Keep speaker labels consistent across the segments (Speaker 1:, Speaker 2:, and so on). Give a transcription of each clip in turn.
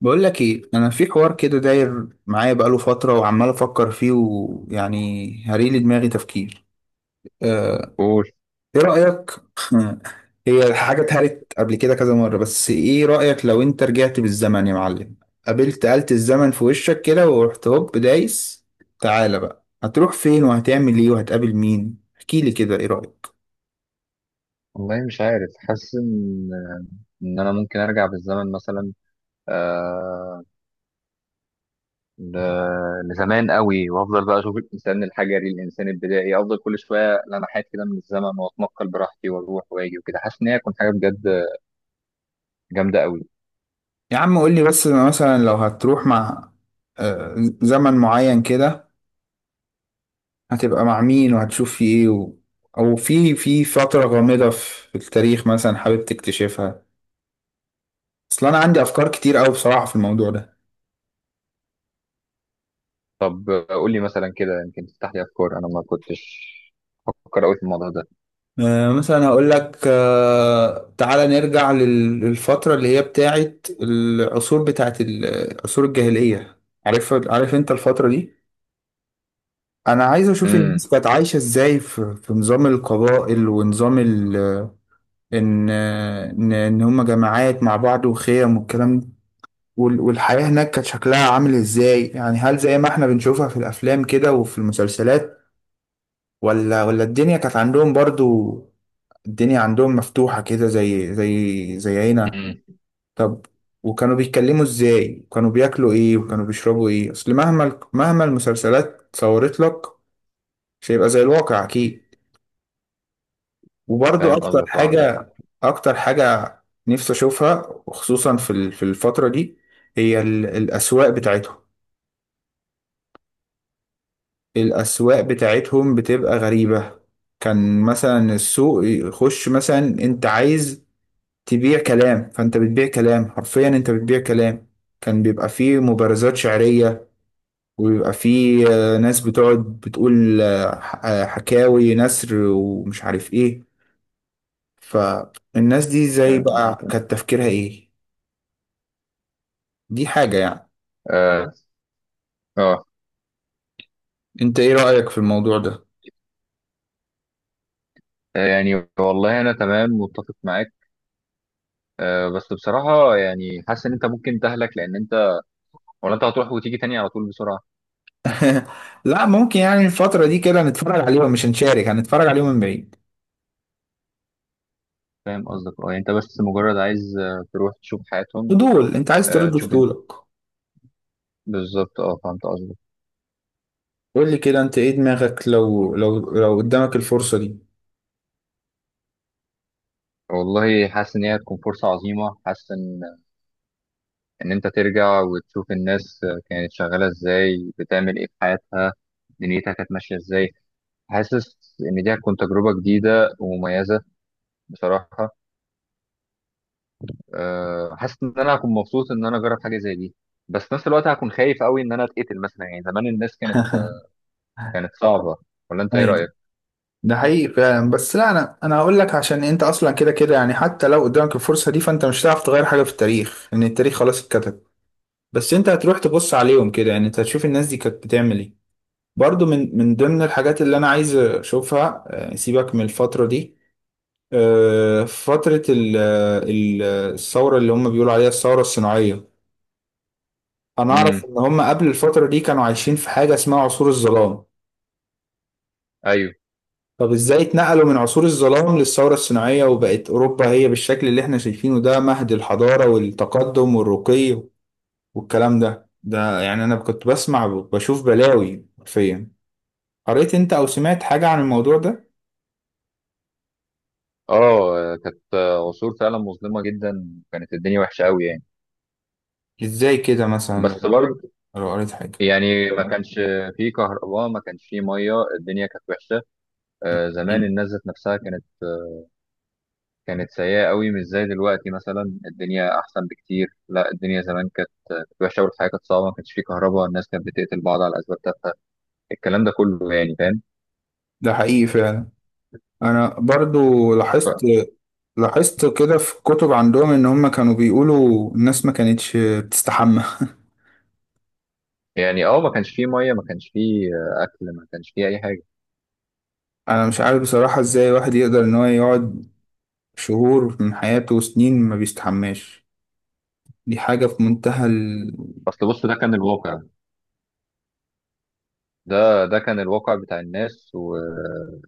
Speaker 1: بقول لك ايه، انا في حوار كده داير معايا بقاله فتره وعمال افكر فيه، ويعني هريلي دماغي تفكير. آه،
Speaker 2: قول.
Speaker 1: ايه رايك؟ هي حاجه اتهرت قبل كده كذا مره، بس ايه رايك لو انت رجعت بالزمن يا معلم؟ قابلت آلة الزمن في وشك كده ورحت هوب دايس. تعالى بقى، هتروح فين وهتعمل ايه وهتقابل مين؟ احكي لي كده، ايه رايك؟
Speaker 2: والله مش عارف، حاسس ان انا ممكن ارجع بالزمن مثلا، آه ل... لزمان قوي وافضل بقى اشوف الانسان الحجري، الانسان البدائي، افضل كل شويه لمحات كده من الزمن واتنقل براحتي واروح واجي وكده. حاسس ان هي هتكون حاجه بجد جامده قوي.
Speaker 1: يا عم قول لي بس، أنا مثلا لو هتروح مع آه، زمن معين كده، هتبقى مع مين وهتشوف في ايه؟ او في فترة غامضة في التاريخ مثلا حابب تكتشفها؟ اصل انا عندي افكار كتير قوي بصراحة في الموضوع ده.
Speaker 2: طب قول لي مثلا كده، يمكن تفتح لي افكار انا ما كنتش بفكر قوي في الموضوع ده.
Speaker 1: مثلا هقول لك، تعالى نرجع للفترة اللي هي بتاعت العصور، بتاعت العصور الجاهلية. عارف انت الفترة دي؟ انا عايز اشوف
Speaker 2: امم.
Speaker 1: الناس كانت عايشة ازاي في نظام القبائل ونظام. ان هم جماعات مع بعض وخيم والكلام ده، والحياة هناك كانت شكلها عامل ازاي. يعني هل زي ما احنا بنشوفها في الافلام كده وفي المسلسلات، ولا الدنيا كانت عندهم برضو الدنيا عندهم مفتوحة كده، زي زي هنا؟
Speaker 2: امم.
Speaker 1: طب، وكانوا بيتكلموا ازاي، وكانوا بياكلوا ايه، وكانوا بيشربوا ايه؟ اصل مهما المسلسلات صورت لك، مش هيبقى زي الواقع اكيد. وبرضو
Speaker 2: فاهم قصدك، اه عندك حق.
Speaker 1: اكتر حاجة نفسي اشوفها، وخصوصا في في الفترة دي، هي الاسواق بتاعتهم. الأسواق بتاعتهم بتبقى غريبة. كان مثلا السوق يخش، مثلا انت عايز تبيع كلام، فانت بتبيع كلام، حرفيا انت بتبيع كلام. كان بيبقى فيه مبارزات شعرية، وبيبقى فيه ناس بتقعد بتقول، حكاوي نثر ومش عارف ايه. فالناس دي زي
Speaker 2: فاهم
Speaker 1: بقى
Speaker 2: قصدك،
Speaker 1: كانت تفكيرها ايه؟ دي حاجة يعني.
Speaker 2: اه. اه.
Speaker 1: انت ايه رأيك في الموضوع ده؟
Speaker 2: يعني والله انا تمام متفق معاك. بس بصراحة يعني حاسس إن أنت ممكن تهلك، لأن أنت ولا أنت هتروح وتيجي تاني على طول بسرعة؟
Speaker 1: لا، ممكن يعني الفترة دي كده نتفرج عليهم، مش هنشارك، هنتفرج عليهم من بعيد.
Speaker 2: فاهم قصدك، أه. يعني أنت بس مجرد عايز تروح تشوف حياتهم.
Speaker 1: فضول، انت عايز
Speaker 2: آه،
Speaker 1: ترد
Speaker 2: تشوف ال...
Speaker 1: فضولك.
Speaker 2: بالظبط أه، فهمت قصدك.
Speaker 1: قول لي كده انت ايه دماغك لو قدامك الفرصة دي؟
Speaker 2: والله حاسس إن هي هتكون فرصة عظيمة. حاسس إن أنت ترجع وتشوف الناس كانت شغالة إزاي، بتعمل إيه في حياتها، دنيتها كانت ماشية إزاي. حاسس إن دي هتكون تجربة جديدة ومميزة بصراحة. حاسس ان انا هكون مبسوط ان انا اجرب حاجه زي دي، بس في نفس الوقت هكون خايف قوي ان انا اتقتل مثلا. يعني زمان الناس كانت كانت صعبه. ولا انت ايه
Speaker 1: ايوه.
Speaker 2: رايك؟
Speaker 1: ده حقيقي فعلا. بس لا، انا هقول لك: عشان انت اصلا كده كده، يعني حتى لو قدامك الفرصة دي فانت مش هتعرف تغير حاجة في التاريخ، لان التاريخ خلاص اتكتب. بس انت هتروح تبص عليهم كده، يعني انت هتشوف الناس دي كانت بتعمل ايه. برضو من ضمن الحاجات اللي انا عايز اشوفها، سيبك من الفترة دي، فترة ال- الثورة اللي هم بيقولوا عليها الثورة الصناعية. انا اعرف
Speaker 2: امم.
Speaker 1: ان هم قبل الفترة دي كانوا عايشين في حاجة اسمها عصور الظلام.
Speaker 2: ايوه.
Speaker 1: طب ازاي اتنقلوا من عصور الظلام للثورة الصناعية، وبقت اوروبا هي بالشكل اللي احنا شايفينه ده، مهد الحضارة والتقدم والرقي والكلام ده؟ يعني انا كنت بسمع بشوف بلاوي حرفيا. قريت انت او سمعت حاجة عن الموضوع ده؟
Speaker 2: اه، كانت عصور فعلا مظلمه جدا، كانت الدنيا وحشه قوي يعني.
Speaker 1: ازاي كده مثلا،
Speaker 2: بس
Speaker 1: لو
Speaker 2: برضه
Speaker 1: قريت حاجة؟
Speaker 2: يعني ما كانش في كهرباء، ما كانش في ميه، الدنيا كانت وحشه. زمان الناس ذات نفسها كانت سيئه قوي، مش زي دلوقتي. مثلا الدنيا احسن بكتير، لا الدنيا زمان كانت وحشه والحياه كانت صعبه، ما كانش في كهرباء، الناس كانت بتقتل بعض على اسباب تافهه، الكلام ده كله يعني، فاهم.
Speaker 1: ده حقيقي فعلا. انا برضو لاحظت
Speaker 2: ف-
Speaker 1: لاحظت كده في كتب عندهم ان هم كانوا بيقولوا الناس ما كانتش بتستحمى.
Speaker 2: يعني اه ما كانش فيه ميه، ما كانش فيه اكل، ما كانش فيه اي حاجه.
Speaker 1: انا مش عارف بصراحة ازاي واحد يقدر ان هو يقعد شهور من حياته وسنين ما بيستحماش. دي حاجة في منتهى
Speaker 2: اصل بص، ده كان الواقع، ده كان الواقع بتاع الناس والدنيا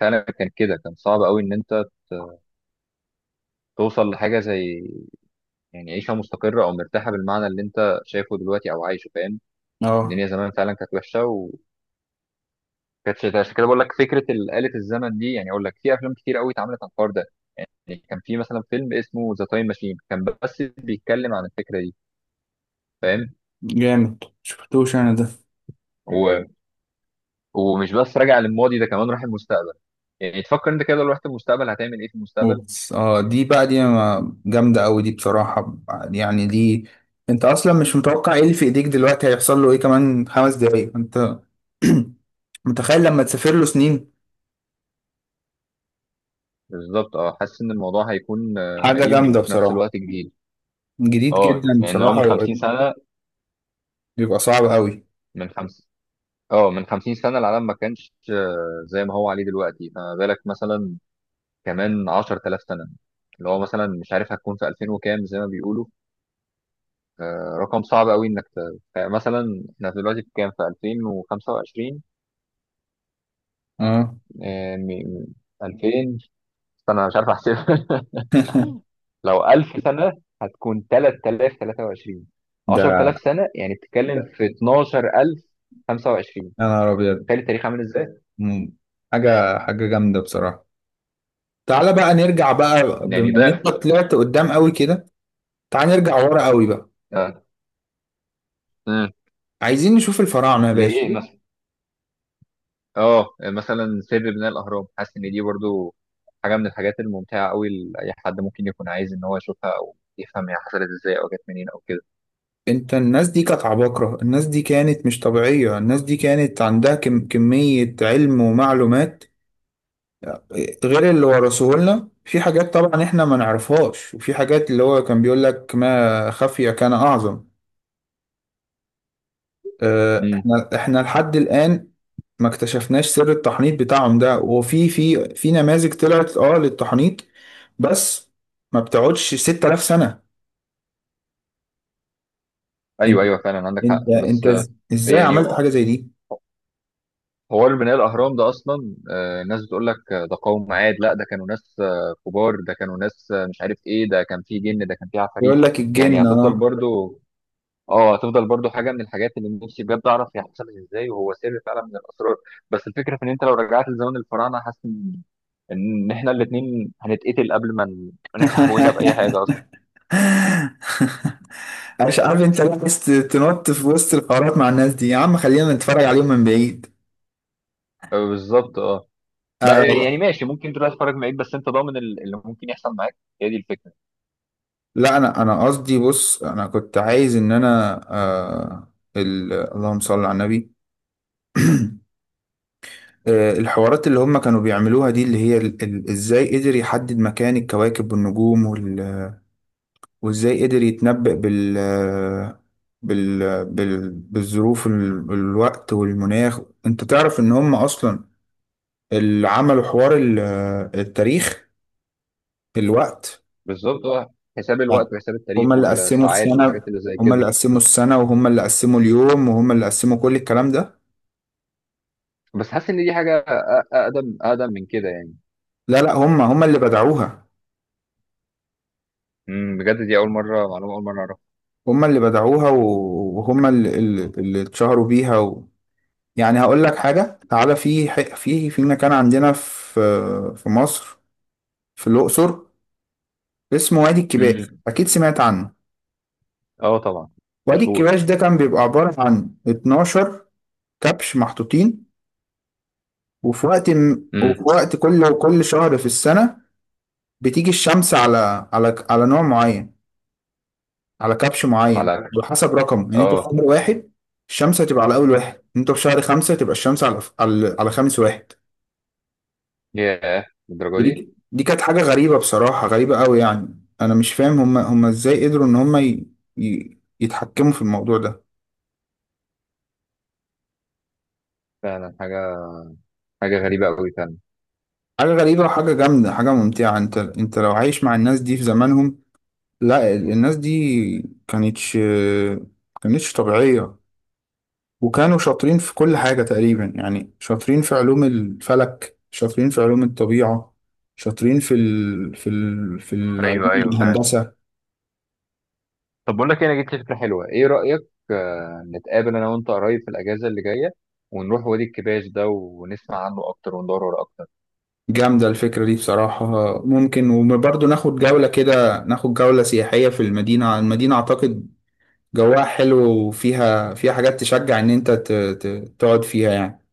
Speaker 2: فعلا. كان كده، كان صعب قوي ان انت توصل لحاجه زي، يعني عيشه مستقره او مرتاحه بالمعنى اللي انت شايفه دلوقتي او عايشه، فاهم.
Speaker 1: اه،
Speaker 2: الدنيا زمان فعلا كانت وحشه وكانتش ده. عشان كده بقول لك فكره آلة الزمن دي، يعني اقول لك في افلام كتير قوي اتعملت عن الحوار ده. يعني كان في مثلا فيلم اسمه ذا تايم ماشين، كان بس بيتكلم عن الفكره دي، فاهم.
Speaker 1: جامد شفتوش انا ده.
Speaker 2: و ومش بس راجع للماضي، ده كمان راح المستقبل. يعني تفكر انت كده، لو رحت المستقبل هتعمل ايه في المستقبل؟
Speaker 1: اوبس، اه دي بقى، دي جامدة اوي دي بصراحة. يعني دي، انت اصلا مش متوقع ايه اللي في ايديك دلوقتي هيحصل له ايه كمان 5 دقايق، انت متخيل لما تسافر له سنين؟
Speaker 2: بالظبط اه، حاسس ان الموضوع هيكون
Speaker 1: حاجة
Speaker 2: غريب
Speaker 1: جامدة
Speaker 2: وفي نفس
Speaker 1: بصراحة.
Speaker 2: الوقت جديد.
Speaker 1: جديد
Speaker 2: اه
Speaker 1: جدا
Speaker 2: يعني هو
Speaker 1: بصراحة.
Speaker 2: من 50 سنة،
Speaker 1: بيبقى صعب اوي.
Speaker 2: من خمس اه من 50 سنة العالم ما كانش زي ما هو عليه دلوقتي، فما بالك مثلا كمان 10000 سنة، اللي هو مثلا مش عارف هتكون في 2000 وكام زي ما بيقولوا. رقم صعب قوي انك مثلا احنا دلوقتي في كام؟ في 2025.
Speaker 1: اه،
Speaker 2: 2000، استنى أنا مش عارف احسب. لو 1000 سنة هتكون 3023.
Speaker 1: ده،
Speaker 2: 10000 سنة يعني بتتكلم في 12025.
Speaker 1: يا نهار ابيض!
Speaker 2: تخيل التاريخ عامل ازاي؟
Speaker 1: مم. حاجة جامدة بصراحة. تعالى بقى نرجع بقى،
Speaker 2: يعني
Speaker 1: بما ان انت
Speaker 2: ده.
Speaker 1: طلعت قدام قوي كده، تعال نرجع ورا قوي بقى.
Speaker 2: آه. امم.
Speaker 1: عايزين نشوف الفراعنة يا باشا.
Speaker 2: لإيه مثلا؟ اه مثلا سر بناء الاهرام، حاسس ان دي برضو حاجه من الحاجات الممتعه قوي لاي حد ممكن يكون عايز ان هو يشوفها، او يفهم هي حصلت ازاي او جت منين او كده.
Speaker 1: انت، الناس دي كانت عباقرة، الناس دي كانت مش طبيعية، الناس دي كانت عندها كم كمية علم ومعلومات غير اللي ورثوه لنا، في حاجات طبعا احنا ما نعرفهاش، وفي حاجات اللي هو كان بيقول لك ما خفي كان اعظم.
Speaker 2: امم.
Speaker 1: احنا لحد الآن ما اكتشفناش سر التحنيط بتاعهم ده. وفي في في نماذج طلعت للتحنيط، بس ما بتقعدش 6000 سنة.
Speaker 2: ايوه،
Speaker 1: انت
Speaker 2: ايوه فعلا عندك حق. بس
Speaker 1: ازاي
Speaker 2: يعني
Speaker 1: عملت حاجة زي دي؟
Speaker 2: هو اللي بناء الاهرام ده اصلا، الناس بتقول لك ده قوم عاد، لا ده كانوا ناس كبار، ده كانوا ناس مش عارف ايه، ده كان فيه جن، ده كان فيه عفاريت.
Speaker 1: يقول لك
Speaker 2: يعني
Speaker 1: الجن،
Speaker 2: هتفضل
Speaker 1: اه.
Speaker 2: برضو، اه، هتفضل برضو حاجه من الحاجات اللي نفسي بجد اعرف هي حصلت ازاي، وهو سر فعلا من الاسرار. بس الفكره في ان انت لو رجعت لزمن الفراعنه، حاسس ان احنا الاثنين هنتقتل قبل ما نفتح بوقنا باي حاجه اصلا.
Speaker 1: مش عارف انت ليه عايز تنط في وسط الحوارات مع الناس دي؟ يا عم خلينا نتفرج عليهم من بعيد.
Speaker 2: بالظبط اه. بقى يعني
Speaker 1: آه.
Speaker 2: ماشي، ممكن تروح تتفرج معاك، بس انت ضامن اللي ممكن يحصل معاك؟ هي دي الفكره.
Speaker 1: لا، انا قصدي، بص، انا كنت عايز ان انا اللهم صل على النبي. الحوارات اللي هم كانوا بيعملوها دي، اللي هي ازاي قدر يحدد مكان الكواكب والنجوم وازاي قدر يتنبأ بالظروف، الوقت والمناخ. انت تعرف ان هم اصلا اللي عملوا حوار التاريخ، الوقت.
Speaker 2: بالظبط اه، حساب
Speaker 1: يعني
Speaker 2: الوقت وحساب التاريخ
Speaker 1: هم اللي قسموا
Speaker 2: والساعات
Speaker 1: السنة،
Speaker 2: والحاجات اللي زي
Speaker 1: هم
Speaker 2: كده.
Speaker 1: اللي قسموا السنة وهم اللي قسموا اليوم وهم اللي قسموا كل الكلام ده.
Speaker 2: بس حاسس ان دي حاجه اقدم اقدم من كده يعني.
Speaker 1: لا لا، هم اللي بدعوها.
Speaker 2: امم. بجد دي اول مره معلومه، اول مره اعرفها.
Speaker 1: هم اللي بدعوها وهم اللي اتشهروا بيها. يعني هقول لك حاجة. تعالى في مكان عندنا في مصر، في الأقصر، اسمه وادي الكباش،
Speaker 2: امم.
Speaker 1: أكيد سمعت عنه.
Speaker 2: اه طبعا.
Speaker 1: وادي
Speaker 2: مشهور.
Speaker 1: الكباش ده كان بيبقى عبارة عن 12 كبش محطوطين. وفي
Speaker 2: امم.
Speaker 1: وقت كل شهر في السنة بتيجي الشمس على على نوع معين، على كبش معين،
Speaker 2: على.
Speaker 1: على حسب رقم. يعني انت في شهر
Speaker 2: اه.
Speaker 1: واحد الشمس هتبقى على اول واحد، انت في شهر خمسة تبقى الشمس على على خامس واحد.
Speaker 2: ياه، للدرجه دي؟
Speaker 1: ودي كانت حاجة غريبة بصراحة، غريبة قوي. يعني انا مش فاهم، هم ازاي قدروا ان هم يتحكموا في الموضوع ده.
Speaker 2: فعلا حاجه غريبه قوي فعلا.
Speaker 1: حاجة غريبة وحاجة جامدة، حاجة ممتعة. انت لو عايش مع الناس دي في زمانهم! لا، الناس دي كانتش كانتش طبيعية، وكانوا شاطرين في كل حاجة تقريبا. يعني شاطرين في علوم الفلك، شاطرين في علوم الطبيعة، شاطرين في العلوم
Speaker 2: ايوه، ايوه فعلا.
Speaker 1: الهندسة.
Speaker 2: طب بقول لك إيه، انا جبت فكره حلوه، ايه رايك؟ نتقابل انا وانت قريب في الاجازه اللي جايه، ونروح وادي الكباش ده ونسمع عنه اكتر وندور وراه اكتر.
Speaker 1: جامدة الفكرة دي بصراحة. ممكن، وبرضه ناخد جولة كده، ناخد جولة سياحية في المدينة. أعتقد جواها حلو، وفيها حاجات تشجع إن أنت تقعد فيها يعني.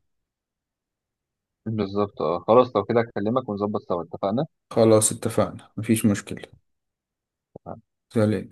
Speaker 2: بالظبط اه، خلاص لو كده اكلمك ونظبط سوا. اتفقنا.
Speaker 1: خلاص اتفقنا، مفيش مشكلة. سلام.